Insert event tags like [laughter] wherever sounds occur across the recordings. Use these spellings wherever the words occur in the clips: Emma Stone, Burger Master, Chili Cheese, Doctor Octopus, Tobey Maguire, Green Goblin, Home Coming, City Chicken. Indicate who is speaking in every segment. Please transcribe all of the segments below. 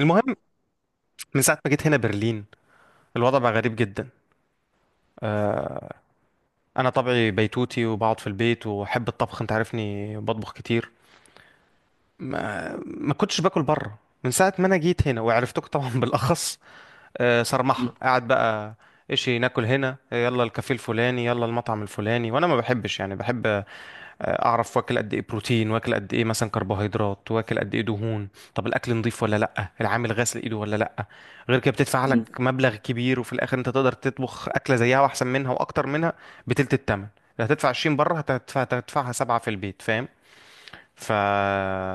Speaker 1: المهم، من ساعة ما جيت هنا برلين الوضع بقى غريب جدا. آه، أنا طبعي بيتوتي وبقعد في البيت وأحب الطبخ، أنت عارفني بطبخ كتير. ما كنتش باكل بره من ساعة ما أنا جيت هنا وعرفتك طبعا [laughs] بالأخص.
Speaker 2: مم.
Speaker 1: صرمحة قاعد بقى. إيش ناكل هنا، يلا الكافيه الفلاني يلا المطعم الفلاني، وأنا ما بحبش، يعني بحب اعرف واكل قد ايه بروتين، واكل قد ايه مثلا كربوهيدرات، واكل قد ايه دهون. طب الاكل نضيف ولا لا، العامل غسل ايده ولا لا. غير كده بتدفع لك
Speaker 2: مم.
Speaker 1: مبلغ كبير وفي الاخر انت تقدر تطبخ اكله زيها واحسن منها واكتر منها بتلت التمن. لا، هتدفع 20 بره، هتدفعها سبعة في البيت، فاهم. ف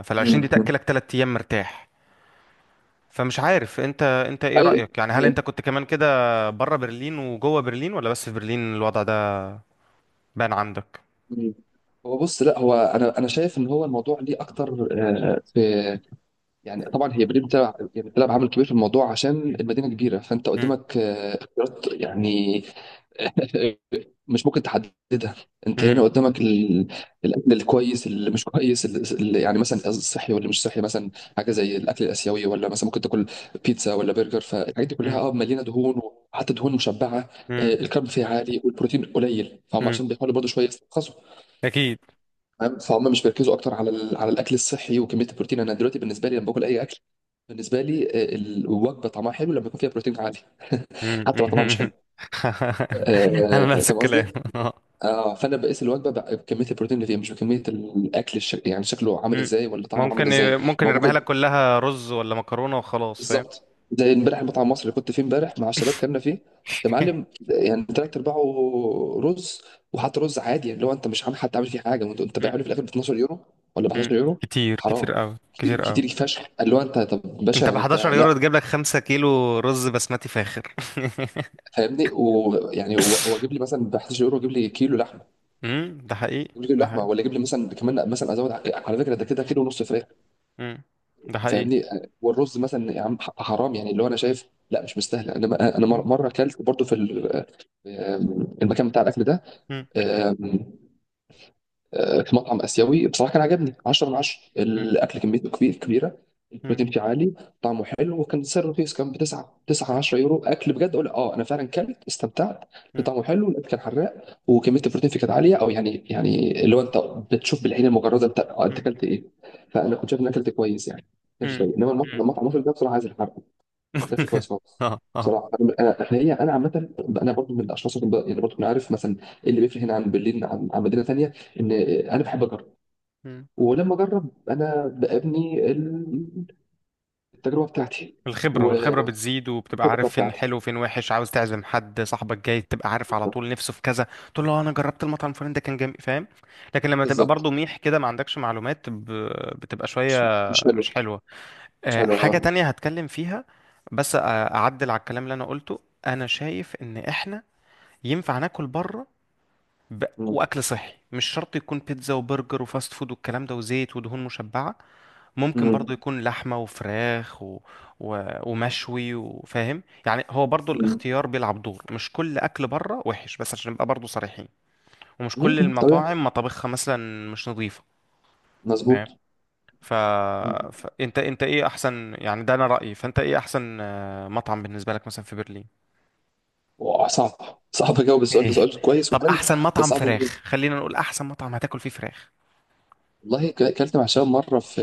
Speaker 1: فال 20 دي
Speaker 2: مم.
Speaker 1: تاكلك 3 ايام مرتاح. فمش عارف، انت ايه
Speaker 2: حقيقي،
Speaker 1: رايك، يعني هل
Speaker 2: حقيقي.
Speaker 1: انت كنت كمان كده، بره برلين وجوه برلين ولا بس في برلين الوضع ده؟ بان عندك.
Speaker 2: مم. هو بص، لا هو انا شايف ان هو الموضوع ليه اكتر. في يعني. طبعا هي بريم بتلعب، يعني بتلعب عامل كبير في الموضوع عشان المدينه كبيره، فانت
Speaker 1: مم.
Speaker 2: قدامك اختيارات يعني. [laughs] مش ممكن تحددها. انت
Speaker 1: مم.
Speaker 2: هنا قدامك الاكل الكويس اللي مش كويس، اللي يعني مثلا الصحي ولا مش صحي مثلا. حاجه زي الاكل الاسيوي، ولا مثلا ممكن تاكل بيتزا ولا برجر. فالحاجات دي
Speaker 1: مم.
Speaker 2: كلها اه مليانه دهون، وحتى دهون مشبعه.
Speaker 1: مم.
Speaker 2: الكارب فيها عالي والبروتين قليل، فهم
Speaker 1: مم.
Speaker 2: عشان بيحاولوا برضه شويه يسترخصوا.
Speaker 1: اكيد.
Speaker 2: فاهم؟ فهم مش بيركزوا اكتر على على الاكل الصحي وكميه البروتين. انا دلوقتي بالنسبه لي، لما باكل اي اكل، بالنسبه لي، الوجبه طعمها حلو لما يكون فيها بروتين عالي. [laughs]
Speaker 1: مم.
Speaker 2: حتى لو طعمها مش حلو.
Speaker 1: [laughs] انا نفس
Speaker 2: فاهم
Speaker 1: الكلام.
Speaker 2: قصدي؟
Speaker 1: [laughs]
Speaker 2: اه، فانا بقيس الوجبه بكميه البروتين اللي فيها، مش بكميه الاكل يعني شكله عامل
Speaker 1: مم.
Speaker 2: ازاي ولا طعمه عامل ازاي.
Speaker 1: ممكن
Speaker 2: ما هو
Speaker 1: يرميها
Speaker 2: ممكن.
Speaker 1: لك كلها رز ولا مكرونة وخلاص، فاهم.
Speaker 2: بالظبط زي امبارح، المطعم المصري اللي كنت فيه امبارح مع الشباب كنا فيه، يا معلم، يعني تلات ارباعه رز. وحتى رز عادي، يعني لو انت مش عامل، حتى عامل فيه حاجه، وانت
Speaker 1: مم.
Speaker 2: بايعه لي في الاخر ب 12 يورو ولا ب
Speaker 1: مم.
Speaker 2: 11 يورو.
Speaker 1: كتير
Speaker 2: حرام.
Speaker 1: كتير قوي،
Speaker 2: كتير
Speaker 1: كتير قوي.
Speaker 2: كتير فشخ. قال له انت طب
Speaker 1: انت ب
Speaker 2: باشا، انت
Speaker 1: 11 يورو
Speaker 2: لا.
Speaker 1: تجيب لك 5 كيلو رز بسمتي فاخر.
Speaker 2: فاهمني؟ ويعني هو جيب لي مثلا ب 11 يورو، جيب لي كيلو لحمه.
Speaker 1: [laughs] مم. ده حقيقي،
Speaker 2: جيب لي كيلو
Speaker 1: ده
Speaker 2: لحمه،
Speaker 1: حقيقي.
Speaker 2: ولا جيب لي مثلا كمان مثلا ازود على فكره، ده كده كيلو ونص فراخ.
Speaker 1: مم. ده حقيقي.
Speaker 2: فاهمني؟ والرز مثلا يا عم، حرام يعني. اللي هو انا شايف لا، مش مستاهله. انا انا مره
Speaker 1: مم.
Speaker 2: مره اكلت برضو في في المكان بتاع الاكل ده.
Speaker 1: مم.
Speaker 2: في مطعم اسيوي بصراحه كان عجبني 10 من
Speaker 1: مم.
Speaker 2: 10.
Speaker 1: مم.
Speaker 2: الاكل كميته كبيره،
Speaker 1: مم.
Speaker 2: البروتين فيه عالي، طعمه حلو، وكان سعره رخيص. كان ب 9 10 يورو. اكل بجد، اقول اه انا فعلا كلت استمتعت.
Speaker 1: مم.
Speaker 2: طعمه حلو، الاكل كان حراق، وكميه البروتين فيه كانت عاليه. او يعني، يعني اللي هو انت بتشوف بالعين المجرده انت انت
Speaker 1: مم.
Speaker 2: اكلت ايه. فانا كنت شايف ان اكلت كويس يعني، كانش
Speaker 1: مم.
Speaker 2: سيء. انما
Speaker 1: مم.
Speaker 2: المطعم المصري ده بصراحه عايز الحرق، كانش كويس
Speaker 1: [laughs]
Speaker 2: خالص.
Speaker 1: اه، اه.
Speaker 2: بصراحه انا، احنا، هي انا عامه انا برضو من الاشخاص اللي يعني برضو انا عارف مثلا إيه اللي بيفرق هنا عن برلين، عن مدينه ثانيه. ان انا بحب اجرب، ولما اجرب انا بابني التجربه بتاعتي
Speaker 1: الخبرة، والخبرة
Speaker 2: والخبره
Speaker 1: بتزيد، وبتبقى عارف فين
Speaker 2: بتاعتي.
Speaker 1: حلو وفين وحش. عاوز تعزم حد صاحبك جاي تبقى عارف على طول نفسه في كذا، تقول له انا جربت المطعم الفلاني ده كان جامد، فاهم. لكن لما تبقى
Speaker 2: بالظبط.
Speaker 1: برضو ميح كده ما عندكش معلومات، بتبقى شوية
Speaker 2: مش، مش حلوه.
Speaker 1: مش حلوة.
Speaker 2: مش حلوه
Speaker 1: حاجة
Speaker 2: لا.
Speaker 1: تانية هتكلم فيها، بس أعدل على الكلام اللي أنا قلته. أنا شايف إن إحنا ينفع ناكل بره، ب...
Speaker 2: مم.
Speaker 1: وأكل صحي مش شرط يكون بيتزا وبرجر وفاست فود والكلام ده وزيت ودهون مشبعة، ممكن برضو
Speaker 2: مم.
Speaker 1: يكون لحمة وفراخ و... ومشوي، وفاهم يعني هو برضو
Speaker 2: مم.
Speaker 1: الاختيار بيلعب دور، مش كل أكل بره وحش، بس عشان نبقى برضو صريحين ومش كل
Speaker 2: مم. طبيعي.
Speaker 1: المطاعم مطابخها مثلا مش نظيفة،
Speaker 2: مظبوط.
Speaker 1: فاهم. ف...
Speaker 2: مم.
Speaker 1: فأنت إيه أحسن يعني، ده أنا رأيي، فأنت إيه أحسن مطعم بالنسبة لك مثلا في برلين؟
Speaker 2: واه، صعب، صعب اجاوب السؤال
Speaker 1: ايه؟
Speaker 2: ده. سؤال كويس
Speaker 1: طب
Speaker 2: وحلو.
Speaker 1: أحسن
Speaker 2: بس
Speaker 1: مطعم
Speaker 2: صعب أجاوب.
Speaker 1: فراخ، خلينا نقول أحسن مطعم هتاكل فيه فراخ.
Speaker 2: والله، اكلت مع شباب مره في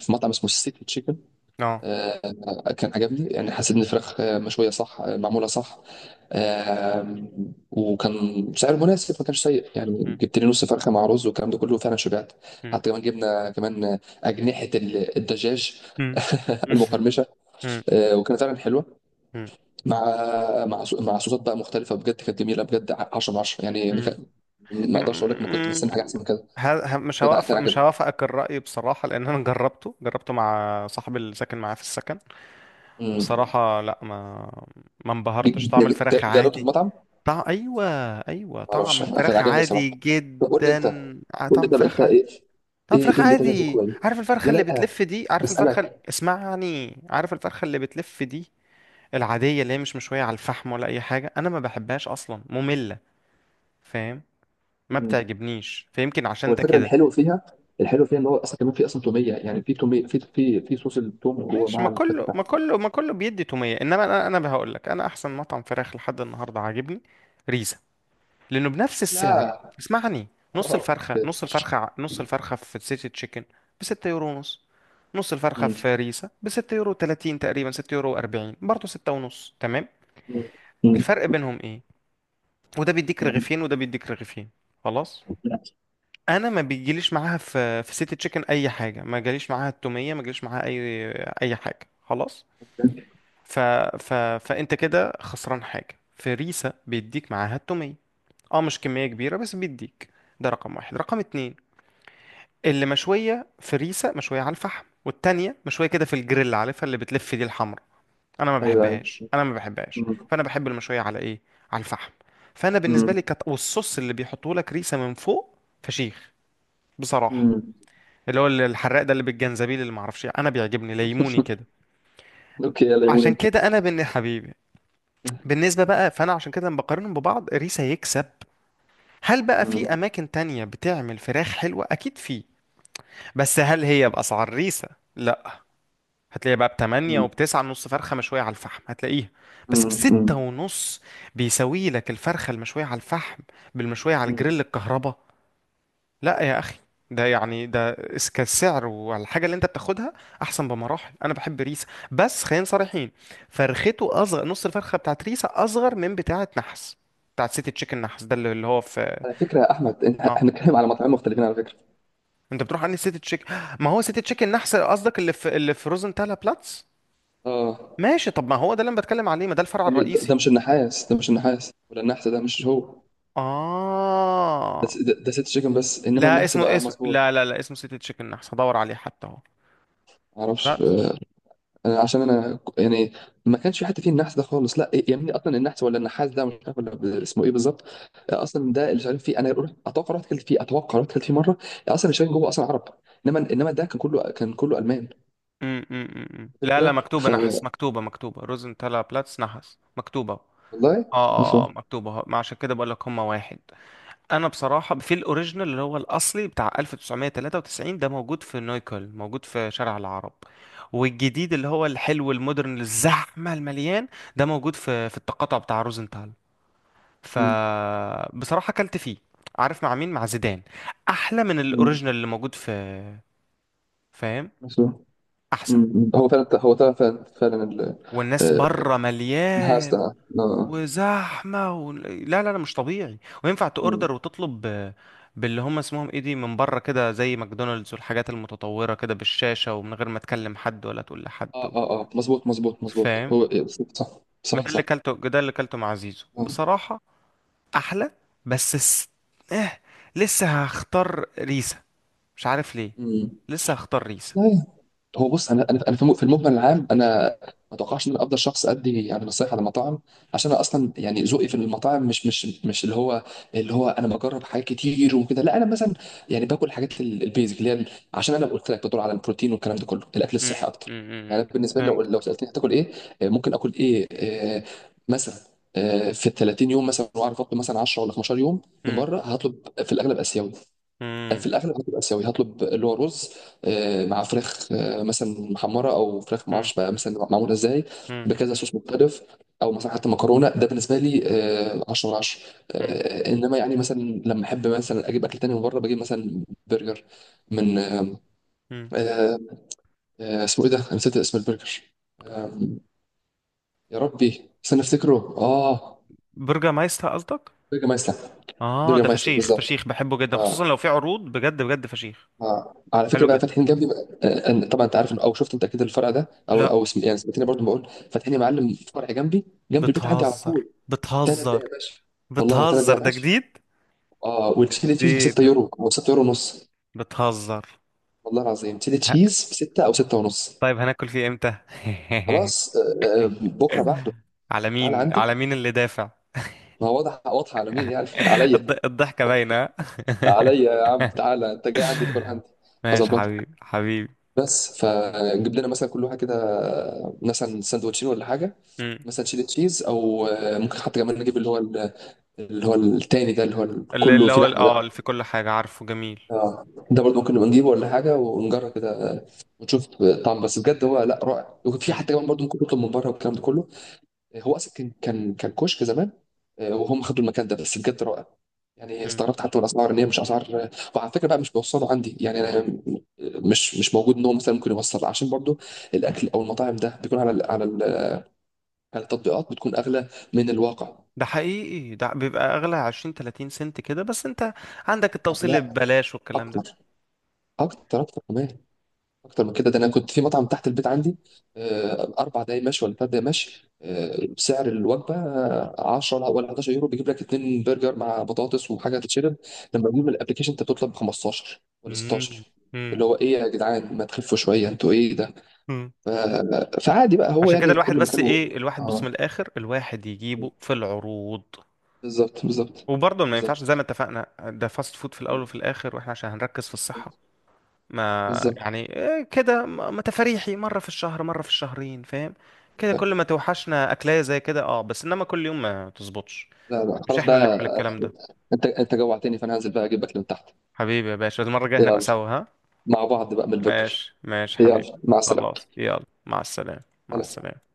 Speaker 2: في مطعم اسمه سيتي تشيكن.
Speaker 1: اه.
Speaker 2: كان عجبني، يعني حسيت ان الفراخ مشويه صح، معموله صح. آم، وكان سعر مناسب، ما كانش سيء. يعني
Speaker 1: مم.
Speaker 2: جبت لي نص فرخه مع رز والكلام ده كله، فعلا شبعت.
Speaker 1: مم.
Speaker 2: حتى كمان جبنا كمان اجنحه الدجاج
Speaker 1: مم.
Speaker 2: [laughs]
Speaker 1: مم.
Speaker 2: المقرمشه. وكانت فعلا حلوه،
Speaker 1: مم.
Speaker 2: مع مع مع صوصات بقى مختلفه. بجد كانت جميله بجد، 10 من 10 يعني.
Speaker 1: مم. [laughs]
Speaker 2: ما اقدرش اقول لك انا كنت
Speaker 1: م-
Speaker 2: مستني حاجه احسن من كده. كان، كان
Speaker 1: مش
Speaker 2: عجبني.
Speaker 1: هوافقك الرأي بصراحة، لأن أنا جربته مع صاحبي اللي ساكن معاه في السكن.
Speaker 2: مم.
Speaker 1: بصراحة لا، ما انبهرتش، طعم
Speaker 2: يعني
Speaker 1: الفراخ
Speaker 2: جربته في
Speaker 1: عادي.
Speaker 2: مطعم.
Speaker 1: طعم أيوة، أيوة
Speaker 2: ما
Speaker 1: طعم
Speaker 2: اعرفش، أنا كان
Speaker 1: الفراخ
Speaker 2: عاجبني
Speaker 1: عادي
Speaker 2: صراحه. طب قول لي
Speaker 1: جدا.
Speaker 2: انت، قول
Speaker 1: طعم
Speaker 2: لي طب انت
Speaker 1: الفراخ عادي.
Speaker 2: ايه،
Speaker 1: طعم
Speaker 2: ايه
Speaker 1: الفراخ
Speaker 2: إيه اللي انت شايفه
Speaker 1: عادي،
Speaker 2: كويس.
Speaker 1: عارف
Speaker 2: لا
Speaker 1: الفرخة
Speaker 2: لا
Speaker 1: اللي
Speaker 2: لا،
Speaker 1: بتلف دي، عارف الفرخة
Speaker 2: بسالك.
Speaker 1: اسمعني، عارف الفرخة اللي بتلف دي العادية اللي هي مش مشوية على الفحم ولا أي حاجة، أنا ما بحبهاش أصلا، مملة، فاهم. ما
Speaker 2: مم.
Speaker 1: بتعجبنيش فيمكن
Speaker 2: هو
Speaker 1: عشان ده
Speaker 2: الفكره
Speaker 1: كده.
Speaker 2: الحلو فيها، الحلو فيها، ان هو اصلا كمان في اصلا توميه. يعني في توميه في، في، في صوص التوم جوه
Speaker 1: ماشي، ما
Speaker 2: مع
Speaker 1: كله
Speaker 2: الفته.
Speaker 1: ما كله ما كله بيدي تومية، انما انا هقول لك انا احسن مطعم فراخ لحد النهارده عاجبني ريزا، لانه بنفس
Speaker 2: لا.
Speaker 1: السعر. اسمعني،
Speaker 2: اه كده.
Speaker 1: نص الفرخة في سيتي تشيكن ب 6 يورو ونص، نص الفرخة
Speaker 2: مم.
Speaker 1: في ريزا ب 6 يورو 30 تقريبا، 6 يورو 40، برضه 6 ونص، تمام.
Speaker 2: مم. مم.
Speaker 1: الفرق بينهم ايه، وده بيديك
Speaker 2: مم.
Speaker 1: رغيفين وده بيديك رغيفين، خلاص. انا ما بيجيليش معاها في في سيتي تشيكن اي حاجه، ما جاليش معاها التوميه، ما جاليش معاها اي حاجه، خلاص. ف... ف... فانت كده خسران حاجه، فريسه بيديك معاها التوميه، اه مش كميه كبيره بس بيديك. ده رقم واحد. رقم اتنين، اللي مشويه فريسه مشويه على الفحم، والتانيه مشويه كده في الجريل، عارفها اللي بتلف دي الحمرا، انا ما
Speaker 2: ايوه، ايوه.
Speaker 1: بحبهاش، انا ما بحبهاش،
Speaker 2: مم.
Speaker 1: فانا بحب المشويه على ايه؟ على الفحم. فانا بالنسبه
Speaker 2: مم.
Speaker 1: لي والصوص اللي بيحطوه لك ريسه من فوق فشيخ بصراحه،
Speaker 2: مم.
Speaker 1: اللي هو الحراق ده اللي بالجنزبيل اللي معرفش إيه، انا بيعجبني ليموني كده.
Speaker 2: [laughs] اوكي، يلا قول
Speaker 1: عشان
Speaker 2: انت.
Speaker 1: كده انا بن حبيبي بالنسبة بقى، فأنا عشان كده لما بقارنهم ببعض ريسا يكسب. هل بقى
Speaker 2: مم.
Speaker 1: في أماكن تانية بتعمل فراخ حلوة؟ أكيد في، بس هل هي بأسعار ريسا؟ لا. هتلاقيها بقى بتمانية
Speaker 2: مم.
Speaker 1: وبتسعة نص فرخة مشوية على الفحم هتلاقيها، بس
Speaker 2: مم. مم.
Speaker 1: بستة ونص بيساوي لك الفرخة المشوية على الفحم بالمشوية على
Speaker 2: مم.
Speaker 1: الجريل الكهرباء. لا يا اخي، ده يعني ده كالسعر والحاجه اللي انت بتاخدها احسن بمراحل، انا بحب ريسه. بس خلينا صريحين، فرخته اصغر، نص الفرخه بتاعت ريسه اصغر من بتاعه نحس، بتاعت سيتي تشيكن نحس، ده اللي هو في.
Speaker 2: على فكره يا احمد،
Speaker 1: اه.
Speaker 2: احنا بنتكلم على مطاعم مختلفين على فكره.
Speaker 1: انت بتروح عند سيتي تشيكن، ما هو سيتي تشيكن نحس قصدك، اللي في، اللي في روزنتالا بلاتس.
Speaker 2: اه.
Speaker 1: ماشي، طب ما هو ده اللي انا بتكلم عليه، ما ده الفرع
Speaker 2: ده
Speaker 1: الرئيسي.
Speaker 2: ده مش النحاس، ده مش النحاس ولا النحس، ده مش هو. ده
Speaker 1: اه.
Speaker 2: ده، ده ست شيكن بس. انما
Speaker 1: لا،
Speaker 2: النحس ده
Speaker 1: اسمه
Speaker 2: اه مظبوط.
Speaker 1: لا لا لا اسمه سيتي تشيكن نحس، هدور عليه حتى اهو،
Speaker 2: معرفش.
Speaker 1: بس.
Speaker 2: انا عشان انا يعني ما كانش في حد فيه النحس ده خالص لا. يعني اصلا النحس ولا النحاس ده مش عارف ولا اسمه ايه بالظبط. اصلا ده اللي شغالين فيه. اتوقع رحت اكلت فيه، اتوقع رحت اكلت فيه مره. اصلا اللي شغالين جوه اصلا عرب. انما، انما ده كان كله، كان كله المان.
Speaker 1: لا لا
Speaker 2: فكره،
Speaker 1: مكتوبة
Speaker 2: ف،
Speaker 1: نحس، مكتوبة، مكتوبة روزنتالا بلاتس نحس، مكتوبة اه.
Speaker 2: والله،
Speaker 1: اه
Speaker 2: اصلا.
Speaker 1: مكتوبة، ما عشان كده بقول لك هما واحد. انا بصراحة في الاوريجينال اللي هو الاصلي بتاع 1993، ده موجود في نويكل، موجود في شارع العرب، والجديد اللي هو الحلو المودرن الزحمة المليان، ده موجود في في التقاطع بتاع روزنتال.
Speaker 2: أمم.
Speaker 1: فبصراحة اكلت فيه، عارف مع مين، مع زيدان، احلى من
Speaker 2: أمم.
Speaker 1: الاوريجينال اللي موجود في، فاهم،
Speaker 2: أصلاً.
Speaker 1: احسن.
Speaker 2: أمم. أمم. هو فعلا، هو فعلا، فعلا، فعلاً
Speaker 1: والناس
Speaker 2: آه،
Speaker 1: بره
Speaker 2: النحاس ده.
Speaker 1: مليان
Speaker 2: آه.
Speaker 1: وزحمه لا لا لا مش طبيعي، وينفع
Speaker 2: مم.
Speaker 1: تأوردر وتطلب باللي هم اسمهم ايه دي من بره كده، زي ماكدونالدز والحاجات المتطوره كده بالشاشه، ومن غير ما تكلم حد ولا تقول لحد
Speaker 2: اه، اه، اه، مظبوط، مظبوط، مظبوط.
Speaker 1: فاهم.
Speaker 2: هو صح، صح،
Speaker 1: ما
Speaker 2: صح،
Speaker 1: ده اللي
Speaker 2: صح.
Speaker 1: كلته، ده اللي كلته مع زيزو
Speaker 2: آه.
Speaker 1: بصراحه، احلى. بس اه، لسه هختار ريسا، مش عارف ليه،
Speaker 2: مم.
Speaker 1: لسه هختار ريسا.
Speaker 2: لا هو بص، انا انا في في المجمل العام انا ما اتوقعش ان انا افضل شخص ادي يعني نصايح على المطاعم، عشان انا اصلا يعني ذوقي في المطاعم مش، مش، مش اللي هو، اللي هو، انا بجرب حاجات كتير وكده. لا انا مثلا يعني باكل الحاجات البيزك، اللي هي عشان انا قلت لك بدور على البروتين والكلام ده كله، الاكل
Speaker 1: مم،
Speaker 2: الصحي
Speaker 1: مم،
Speaker 2: اكتر.
Speaker 1: مم،
Speaker 2: يعني
Speaker 1: مم.
Speaker 2: أنا بالنسبه لي، لو،
Speaker 1: فهمت.
Speaker 2: لو سالتني هتاكل ايه، ممكن اكل ايه، مثلا في ال 30 يوم مثلا، واعرف اطلب مثلا 10 ولا 15 يوم من
Speaker 1: مم،
Speaker 2: بره، هطلب في الاغلب اسيوي.
Speaker 1: مم،
Speaker 2: في الاغلب هتبقى اسيوي. هطلب اللي هو رز، مع فراخ، مثلا محمره، او فراخ ما
Speaker 1: مم،
Speaker 2: اعرفش بقى مثلا معموله ازاي
Speaker 1: مم،
Speaker 2: بكذا صوص مختلف. او مثلا حتى مكرونه. ده بالنسبه لي 10 من 10.
Speaker 1: مم،
Speaker 2: انما يعني مثلا لما احب مثلا اجيب اكل تاني من بره، بجيب مثلا برجر من
Speaker 1: مم.
Speaker 2: آه، اسمه ايه ده، انا نسيت اسم البرجر. آه، يا ربي استنى افتكره. اه،
Speaker 1: برجر مايستر قصدك.
Speaker 2: برجر مايستر.
Speaker 1: اه،
Speaker 2: برجر
Speaker 1: ده
Speaker 2: مايستر
Speaker 1: فشيخ
Speaker 2: بالظبط.
Speaker 1: فشيخ، بحبه جدا خصوصا
Speaker 2: اه.
Speaker 1: لو في عروض، بجد بجد فشيخ.
Speaker 2: آه. على فكره
Speaker 1: حلو
Speaker 2: بقى
Speaker 1: جدا.
Speaker 2: فاتحين جنبي بقى. طبعا انت عارف او شفت انت اكيد الفرع ده، او
Speaker 1: لا
Speaker 2: او اسم، يعني سمعتني برضو بقول فاتحين يا معلم فرع جنبي جنب البيت عندي على
Speaker 1: بتهزر،
Speaker 2: طول. ثلاث
Speaker 1: بتهزر،
Speaker 2: دقائق ماشي. والله ثلاث
Speaker 1: بتهزر،
Speaker 2: دقائق
Speaker 1: ده
Speaker 2: ماشي.
Speaker 1: جديد،
Speaker 2: اه، والتشيلي تشيز ب
Speaker 1: جديد،
Speaker 2: 6 يورو او 6 يورو ونص.
Speaker 1: بتهزر.
Speaker 2: والله العظيم تشيلي
Speaker 1: ه-
Speaker 2: تشيز ب 6 او 6 ونص.
Speaker 1: طيب هناكل فيه امتى؟ [laughs]
Speaker 2: خلاص بكره بعده.
Speaker 1: على
Speaker 2: تعالى
Speaker 1: مين،
Speaker 2: عندي.
Speaker 1: على مين اللي دافع؟
Speaker 2: ما هو واضح، واضحه على مين يعني. [laughs]
Speaker 1: [laughs]
Speaker 2: عليا.
Speaker 1: الضحكة باينة.
Speaker 2: ده عليا يا عم، تعالى انت جاي عندي تاكل عندي.
Speaker 1: ماشي
Speaker 2: هظبطك.
Speaker 1: حبيبي، حبيبي.
Speaker 2: بس فجيب لنا مثلا كل واحد كده مثلا سندوتشين ولا حاجه.
Speaker 1: مم.
Speaker 2: مثلا شيدر تشيز، او ممكن حتى كمان نجيب اللي هو اللي هو التاني ده، اللي هو
Speaker 1: اللي
Speaker 2: كله
Speaker 1: اللي
Speaker 2: فيه
Speaker 1: هو ال-
Speaker 2: لحمه
Speaker 1: اه اللي
Speaker 2: ده.
Speaker 1: في كل حاجة، عارفه، جميل.
Speaker 2: اه ده برضه ممكن نبقى نجيبه ولا حاجه ونجرب كده. ونشوف طعم، بس بجد هو لا رائع. وفي
Speaker 1: مم.
Speaker 2: حتى كمان برضه ممكن نطلب من بره والكلام ده كله. هو اصلا كان، كان، كان كشك زمان. وهم خدوا المكان ده، بس بجد رائع. يعني
Speaker 1: مم.
Speaker 2: استغربت حتى من الاسعار ان هي مش اسعار وعلى فكره بقى مش بيوصلوا عندي، يعني انا مش، مش موجود ان هو مثلا ممكن يوصل. عشان برضه الاكل او المطاعم ده بيكون على على على التطبيقات بتكون اغلى من الواقع.
Speaker 1: ده حقيقي، ده بيبقى اغلى 20 30 سنت كده بس، انت عندك التوصيل ببلاش والكلام ده.
Speaker 2: اكتر، اكتر، اكتر كمان. اكتر من كده. ده انا كنت في مطعم تحت البيت عندي 4 دقايق مشي ولا 3 دقايق مشي. سعر الوجبه 10 ولا، ولا 11 يورو بيجيب لك اتنين برجر مع بطاطس وحاجه تتشرب. لما بيجيب الابلكيشن انت بتطلب 15 ولا
Speaker 1: مم.
Speaker 2: 16.
Speaker 1: مم.
Speaker 2: اللي هو ايه يا جدعان، ما تخفوا شويه، انتوا ايه ده.
Speaker 1: مم.
Speaker 2: فعادي بقى، هو
Speaker 1: عشان كده
Speaker 2: يعني
Speaker 1: الواحد
Speaker 2: كل
Speaker 1: بس
Speaker 2: مكان هو،
Speaker 1: ايه، الواحد بص
Speaker 2: اه.
Speaker 1: من الاخر، الواحد يجيبه في العروض،
Speaker 2: بالظبط، بالظبط،
Speaker 1: وبرضه ما ينفعش زي ما
Speaker 2: بالظبط،
Speaker 1: اتفقنا، ده فاست فود في الاول وفي الاخر، واحنا عشان هنركز في الصحة، ما
Speaker 2: بالظبط.
Speaker 1: يعني إيه كده، ما تفاريحي مرة في الشهر، مرة في الشهرين، فاهم. كده كل ما توحشنا اكلاية زي كده، اه، بس انما كل يوم ما تظبطش،
Speaker 2: لا لا
Speaker 1: مش
Speaker 2: خلاص
Speaker 1: احنا اللي
Speaker 2: بقى.
Speaker 1: نعمل الكلام ده.
Speaker 2: انت، انت جوعتني، فانا هنزل بقى اجيب اكل من تحت.
Speaker 1: حبيبي يا باشا، المرة الجاية هنبقى
Speaker 2: يلا
Speaker 1: سوا، ها.
Speaker 2: مع بعض بقى من البرجر.
Speaker 1: ماشي ماشي حبيبي.
Speaker 2: يلا، مع
Speaker 1: خلاص
Speaker 2: السلامة.
Speaker 1: يلا مع السلامة. مع السلامة.